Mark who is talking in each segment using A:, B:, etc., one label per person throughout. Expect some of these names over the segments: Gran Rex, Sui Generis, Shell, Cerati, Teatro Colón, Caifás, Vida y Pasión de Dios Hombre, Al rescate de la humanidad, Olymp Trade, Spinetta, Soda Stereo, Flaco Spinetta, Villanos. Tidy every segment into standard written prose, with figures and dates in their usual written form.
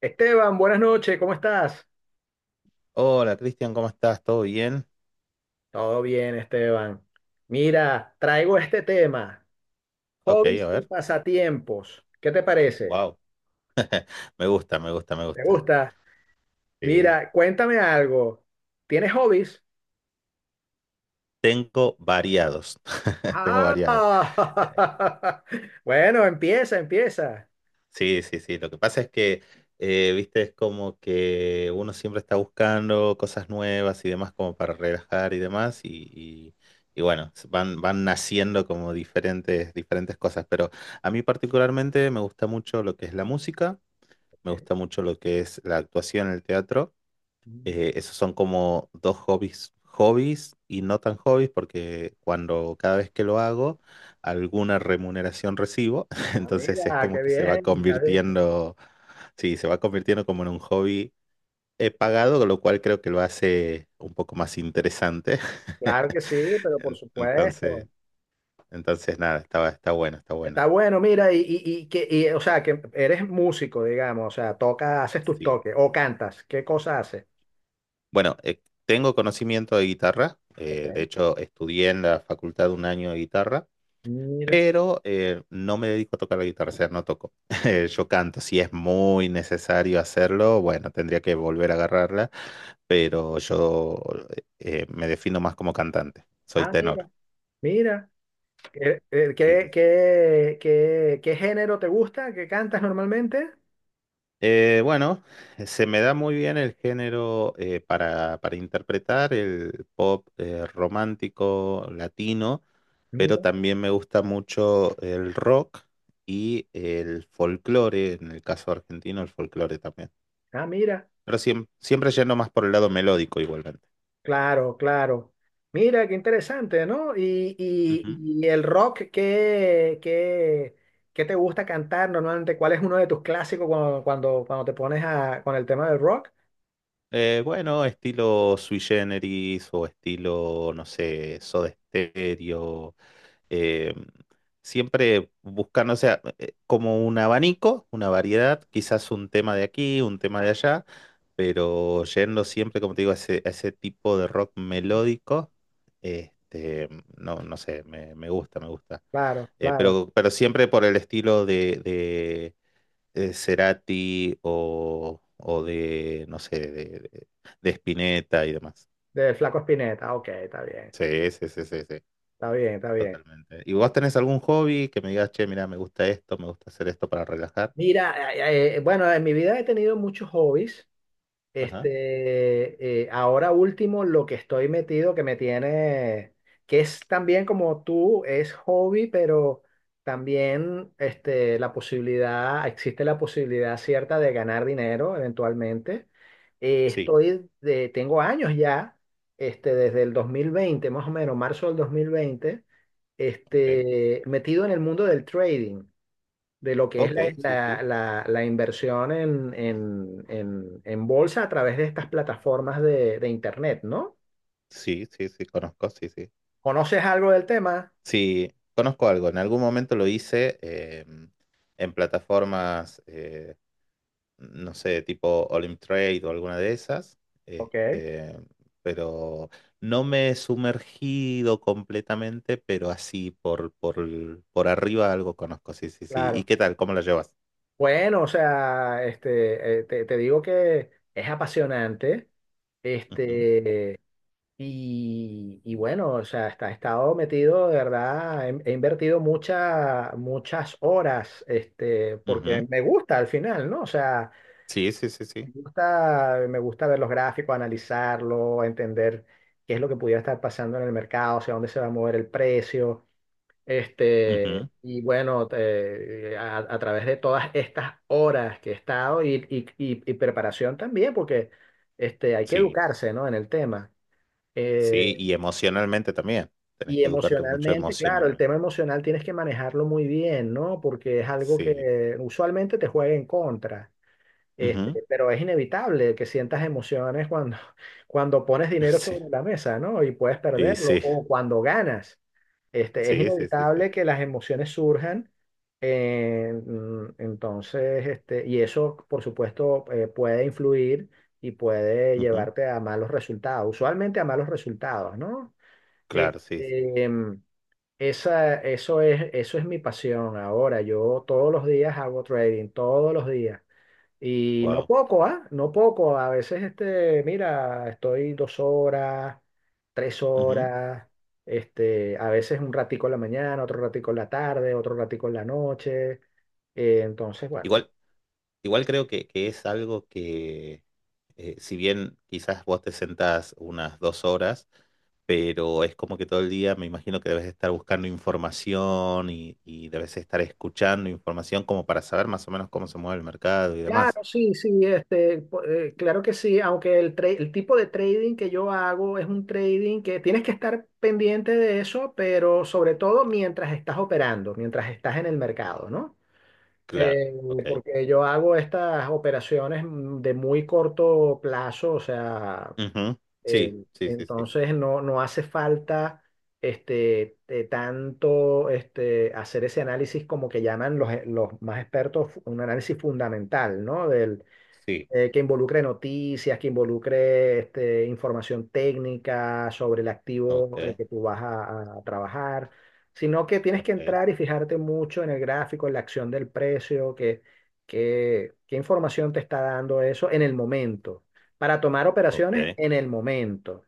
A: Esteban, buenas noches, ¿cómo estás?
B: Hola Cristian, ¿cómo estás? ¿Todo bien?
A: Todo bien, Esteban. Mira, traigo este tema,
B: Ok, a
A: hobbies y
B: ver.
A: pasatiempos. ¿Qué te parece?
B: Wow. Me gusta, me gusta, me
A: ¿Te
B: gusta.
A: gusta?
B: Sí.
A: Mira, cuéntame algo. ¿Tienes hobbies?
B: Tengo variados. Tengo variados. Eh,
A: Ah, bueno, empieza, empieza.
B: Sí, sí, sí. Lo que pasa es que, viste, es como que uno siempre está buscando cosas nuevas y demás como para relajar y demás. Y bueno, van naciendo como diferentes cosas. Pero a mí particularmente me gusta mucho lo que es la música,
A: Ok.
B: me gusta mucho lo que es la actuación, el teatro.
A: Ujú.
B: Esos son como dos hobbies, hobbies y no tan hobbies, porque cuando cada vez que lo hago, alguna remuneración recibo,
A: Ah,
B: entonces es
A: mira,
B: como
A: qué
B: que se va
A: bien. Está bien.
B: convirtiendo, sí, se va convirtiendo como en un hobby pagado, lo cual creo que lo hace un poco más interesante.
A: Claro que sí, pero por
B: En- Entonces,
A: supuesto.
B: entonces, nada, está bueno, está bueno.
A: Está bueno, mira, y que, o sea, que eres músico, digamos, o sea, toca, haces tus
B: Sí.
A: toques o cantas. ¿Qué cosa haces?
B: Bueno, tengo conocimiento de guitarra, de
A: Ok,
B: hecho estudié en la facultad un año de guitarra.
A: mira,
B: Pero no me dedico a tocar la guitarra, o sea, no toco. Yo canto, si es muy necesario hacerlo, bueno, tendría que volver a agarrarla, pero yo me defino más como cantante, soy
A: ah,
B: tenor.
A: mira, mira. ¿Qué, eh,
B: Sí, sí, sí.
A: qué, qué, qué- qué género te gusta? ¿Qué cantas normalmente?
B: Bueno, se me da muy bien el género para interpretar el pop romántico latino, pero
A: Mira.
B: también me gusta mucho el rock y el folclore, en el caso argentino, el folclore también.
A: Ah, mira,
B: Pero siempre yendo más por el lado melódico igualmente.
A: claro, claro. Mira, qué interesante, ¿no? Y, y,
B: Ujú.
A: y el rock, ¿qué te gusta cantar normalmente? ¿Cuál es uno de tus clásicos cuando, te pones con el tema del rock?
B: Bueno, estilo Sui Generis o estilo, no sé, Soda Stereo. eh, siempre buscando, o sea, como un abanico, una variedad, quizás un tema de aquí, un tema de allá, pero yendo siempre, como te digo, a ese tipo de rock melódico. Este, no, no sé, me gusta, me gusta.
A: Claro,
B: Eh,
A: claro,
B: pero, pero siempre por el estilo de, Cerati o de, no sé, de, de Spinetta y demás.
A: del Flaco Spinetta. Ok, está bien,
B: Sí, sí, sí, sí, sí,
A: está bien, está bien.
B: totalmente. ¿Y vos tenés algún hobby que me digas, che, mira, me gusta esto, me gusta hacer esto para relajar?
A: Mira, bueno, en mi vida he tenido muchos hobbies.
B: Ajá.
A: Ahora último, lo que estoy metido, que me tiene, que es también como tú, es hobby, pero también la posibilidad, existe la posibilidad cierta de ganar dinero eventualmente.
B: Sí,
A: Tengo años ya, desde el 2020 más o menos, marzo del 2020
B: ok.
A: metido en el mundo del trading de lo que es
B: Ok,
A: la,
B: sí,
A: la-
B: sí.
A: la- la inversión en, bolsa a través de estas plataformas de Internet, ¿no?
B: Sí, sí, sí, conozco, sí, sí.
A: ¿Conoces algo del tema?
B: Sí, conozco algo. En algún momento lo hice en plataformas no sé, tipo Olymp Trade o alguna de esas,
A: Ok,
B: este, pero no me he sumergido completamente, pero así por por arriba algo conozco, sí, sí, sí. ¿Y
A: claro.
B: qué tal? ¿Cómo la llevas?
A: Bueno, o sea, te digo que es apasionante,
B: Ujú,
A: este, y, bueno, o sea, he estado metido, de verdad, he invertido muchas horas,
B: ujú.
A: porque me gusta al final, ¿no? O sea,
B: Sí, sí, sí,
A: me
B: sí.
A: gusta, me gusta ver los gráficos, analizarlo, entender qué es lo que pudiera estar pasando en el mercado, hacia dónde se va a mover el precio.
B: Ujú.
A: Y bueno, a través de todas estas horas que he estado y, preparación también, porque hay que
B: Sí,
A: educarse, ¿no?, en el tema. Eh,
B: sí, y emocionalmente también. Tenés
A: y
B: que educarte mucho
A: emocionalmente, claro, el
B: emocionalmente.
A: tema emocional tienes que manejarlo muy bien, ¿no? Porque es algo
B: Sí.
A: que usualmente te juega en contra.
B: Ujú.
A: Pero es inevitable que sientas emociones cuando, cuando pones dinero
B: Sí.
A: sobre la mesa, ¿no? Y puedes
B: Y
A: perderlo,
B: sí,
A: o cuando ganas. Es
B: sí, sí, sí, sí.
A: inevitable que las emociones surjan. Entonces, y eso, por supuesto, puede influir y puede
B: Ujú.
A: llevarte a malos resultados, usualmente a malos resultados, ¿no?
B: Claro, sí, sí.
A: Este, em, Eso es mi pasión ahora. Yo todos los días hago trading, todos los días. Y no
B: Wow.
A: poco, ¿ah? No poco. A veces, mira, estoy 2 horas, 3 horas, a veces un ratico en la mañana, otro ratico en la tarde, otro ratico en la noche. Entonces, bueno, sí.
B: Igual. Igual creo que es algo que, si bien quizás vos te sentás unas 2 horas, pero es como que todo el día me imagino que debes estar buscando información y debes estar escuchando información como para saber más o menos cómo se mueve el mercado y demás.
A: Claro, sí, sí, claro que sí, aunque el tipo de trading que yo hago es un trading que tienes que estar pendiente de eso, pero sobre todo mientras estás operando, mientras estás en el mercado, ¿no?
B: Claro,
A: Eh,
B: ok.
A: Porque yo hago estas operaciones, de muy corto plazo, o sea,
B: Ujú. Sí, sí, sí, sí.
A: entonces no hace falta tanto, hacer ese análisis, como que llaman los más expertos, un análisis fundamental, ¿no?
B: Sí,
A: Que involucre noticias, que involucre información técnica sobre el
B: ok,
A: activo, que tú vas a trabajar, sino que tienes que
B: ok,
A: entrar y fijarte mucho en el gráfico, en la acción del precio, qué información te está dando eso en el momento, para tomar operaciones
B: ok.
A: en el momento.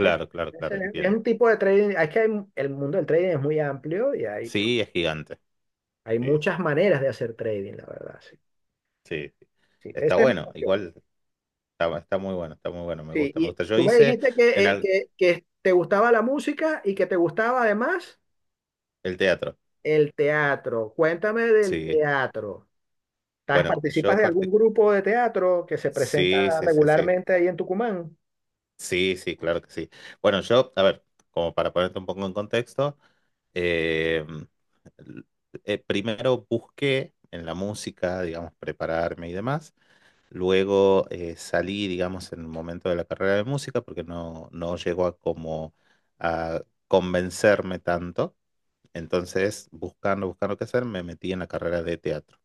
A: Es,
B: claro,
A: es,
B: claro,
A: es
B: entiendo.
A: un tipo de trading, el mundo del trading es muy amplio y hay,
B: Sí, es gigante. Sí,
A: muchas
B: sí,
A: maneras de hacer trading, la verdad, sí.
B: sí, sí.
A: Sí,
B: Está
A: esa es mi
B: bueno,
A: pasión.
B: igual. Está muy bueno, está muy bueno, me
A: Sí,
B: gusta, me
A: y
B: gusta. Yo
A: tú me
B: hice
A: dijiste que,
B: en
A: eh,
B: al-
A: que, que te gustaba la música y que te gustaba además
B: el teatro,
A: el teatro. Cuéntame del
B: sí.
A: teatro.
B: Bueno,
A: ¿Participas
B: yo
A: de algún
B: partí.
A: grupo de teatro que se presenta
B: Sí, sí, sí, sí.
A: regularmente ahí en Tucumán?
B: Sí, sí, claro que sí. Bueno, yo, a ver, como para ponerte un poco en contexto, eh, l- primero busqué en la música, digamos, prepararme y demás. Luego salí, digamos, en el momento de la carrera de música porque no llegó a como a convencerme tanto. Entonces, buscando qué hacer, me metí en la carrera de teatro.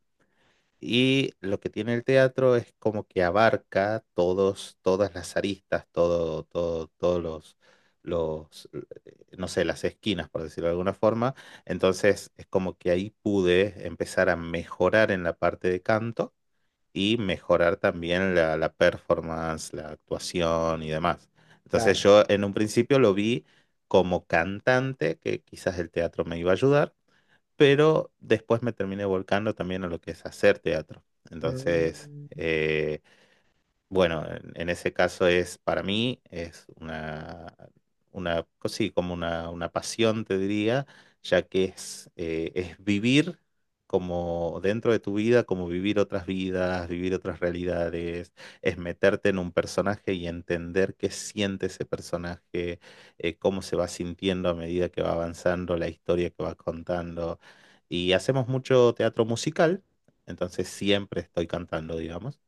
B: Y lo que tiene el teatro es como que abarca todos, todas las aristas, todo, todo, todos los, no sé, las esquinas, por decirlo de alguna forma. Entonces, es como que ahí pude empezar a mejorar en la parte de canto y mejorar también la performance, la actuación y demás. Entonces,
A: Claro.
B: yo en un principio lo vi como cantante, que quizás el teatro me iba a ayudar pero después me terminé volcando también a lo que es hacer teatro. Entonces,
A: Mm,
B: bueno, en ese caso es para mí, es una, sí, como una pasión, te diría, ya que es vivir como dentro de tu vida, como vivir otras vidas, vivir otras realidades, es meterte en un personaje y entender qué siente ese personaje, cómo se va sintiendo a medida que va avanzando la historia que va contando. Y hacemos mucho teatro musical, entonces siempre estoy cantando, digamos.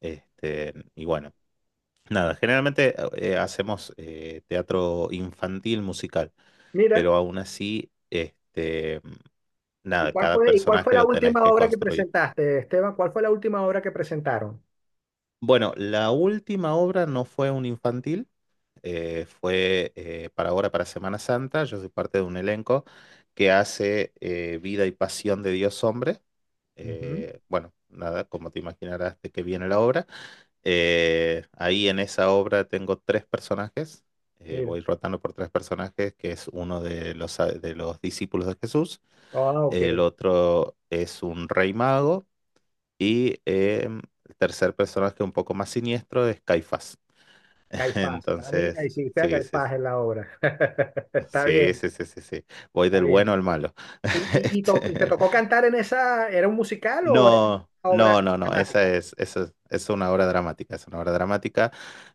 B: Este, y bueno, nada, generalmente hacemos teatro infantil musical,
A: Mira,
B: pero aún así, este, nada, cada
A: ¿y cuál fue
B: personaje
A: la
B: lo tenés
A: última
B: que
A: obra que
B: construir.
A: presentaste, Esteban? ¿Cuál fue la última obra que presentaron?
B: Bueno, la última obra no fue un infantil, fue para ahora, para Semana Santa. Yo soy parte de un elenco que hace Vida y Pasión de Dios Hombre.
A: Ujú.
B: Bueno, nada, como te imaginarás de que viene la obra. Ahí en esa obra tengo tres personajes. eh,
A: Mira.
B: voy rotando por tres personajes, que es uno de los discípulos de Jesús,
A: Ah, ok.
B: el otro es un rey mago y el tercer personaje un poco más siniestro es Caifás.
A: Caifás. Ah, mira,
B: Entonces,
A: hiciste a
B: sí, sí, sí.
A: Caifás en la obra. Está
B: Sí,
A: bien,
B: sí, sí, sí, sí. Voy del
A: está bien.
B: bueno al malo.
A: ¿Y, y te
B: Este,
A: tocó cantar era un musical o era una
B: no,
A: obra
B: no, no, no. Esa
A: dramática?
B: es, esa es, es una obra dramática. Es una obra dramática.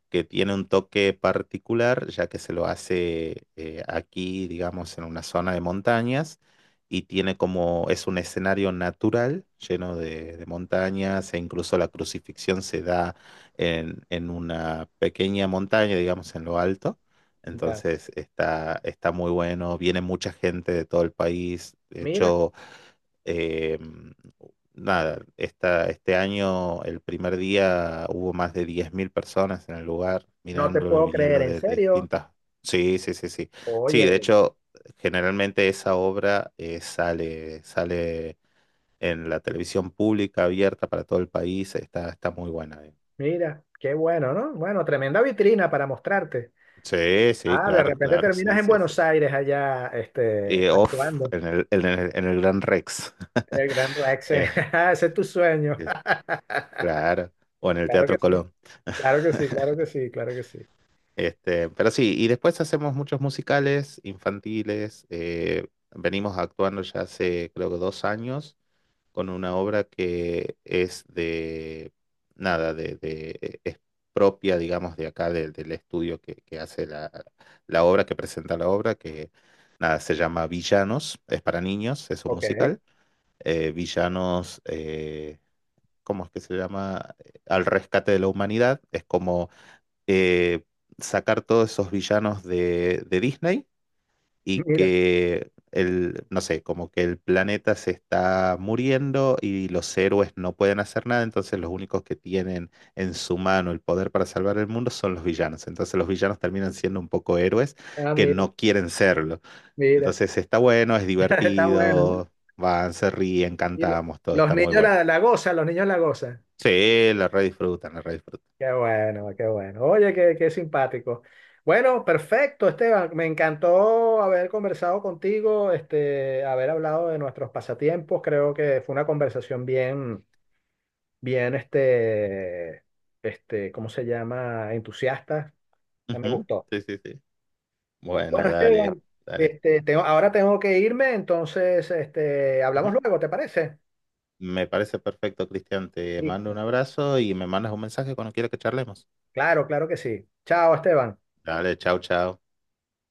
B: Que tiene un toque particular, ya que se lo hace aquí, digamos, en una zona de montañas, y tiene como, es un escenario natural lleno de montañas, e incluso la crucifixión se da en una pequeña montaña, digamos, en lo alto.
A: Ya.
B: Entonces está muy bueno, viene mucha gente de todo el país, de
A: Mira,
B: hecho. Eh, nada, este año, el primer día, hubo más de 10.000 personas en el lugar
A: no te
B: mirándolo,
A: puedo creer,
B: viniendo
A: en
B: de
A: serio.
B: distintas. Sí, sí, sí, sí. Sí, de
A: Oye,
B: hecho, generalmente esa obra sale en la televisión pública abierta para todo el país, está muy buena.
A: mira, qué bueno, ¿no? Bueno, tremenda vitrina para mostrarte.
B: Sí, sí,
A: Ah, de
B: claro,
A: repente
B: claro,
A: terminas
B: sí,
A: en
B: sí, sí.
A: Buenos Aires allá,
B: Y off,
A: actuando
B: en el Gran Rex.
A: en el Gran Rex.
B: Eh,
A: Ese es tu sueño.
B: claro, o en el
A: Claro que
B: Teatro
A: sí,
B: Colón.
A: claro que sí, claro que sí, claro que sí.
B: Este, pero sí, y después hacemos muchos musicales infantiles. Venimos actuando ya hace creo que 2 años con una obra que es de nada, es propia, digamos, de acá del estudio que hace la obra, que presenta la obra, que nada, se llama Villanos, es para niños, es un
A: Ok,
B: musical. Villanos, ¿cómo es que se llama? Al rescate de la humanidad. Es como eh, sacar todos esos villanos de Disney y
A: mira,
B: que el, no sé, como que el planeta se está muriendo y los héroes no pueden hacer nada, entonces los únicos que tienen en su mano el poder para salvar el mundo son los villanos. Entonces los villanos terminan siendo un poco héroes
A: ah,
B: que
A: mira,
B: no quieren serlo.
A: mira.
B: Entonces está bueno, es
A: Está bueno, ¿no?
B: divertido, van, se ríen,
A: Y lo-
B: cantamos, todo
A: los
B: está muy
A: niños
B: bueno.
A: la gozan, los niños la gozan.
B: Sí, la redisfrutan, la redisfrutan.
A: Qué bueno, qué bueno. Oye, qué simpático. Bueno, perfecto, Esteban. Me encantó haber conversado contigo, haber hablado de nuestros pasatiempos. Creo que fue una conversación bien, bien, ¿cómo se llama?, entusiasta. Ya me
B: Ujú.
A: gustó.
B: Sí, sí, sí. Bueno,
A: Bueno,
B: dale,
A: Esteban,
B: dale.
A: ahora tengo que irme, entonces, hablamos
B: Ujú.
A: luego, ¿te parece?
B: Me parece perfecto, Cristian. Te mando un
A: Listo.
B: abrazo y me mandas un mensaje cuando quieras que charlemos.
A: Claro, claro que sí. Chao, Esteban.
B: Dale, chao, chao.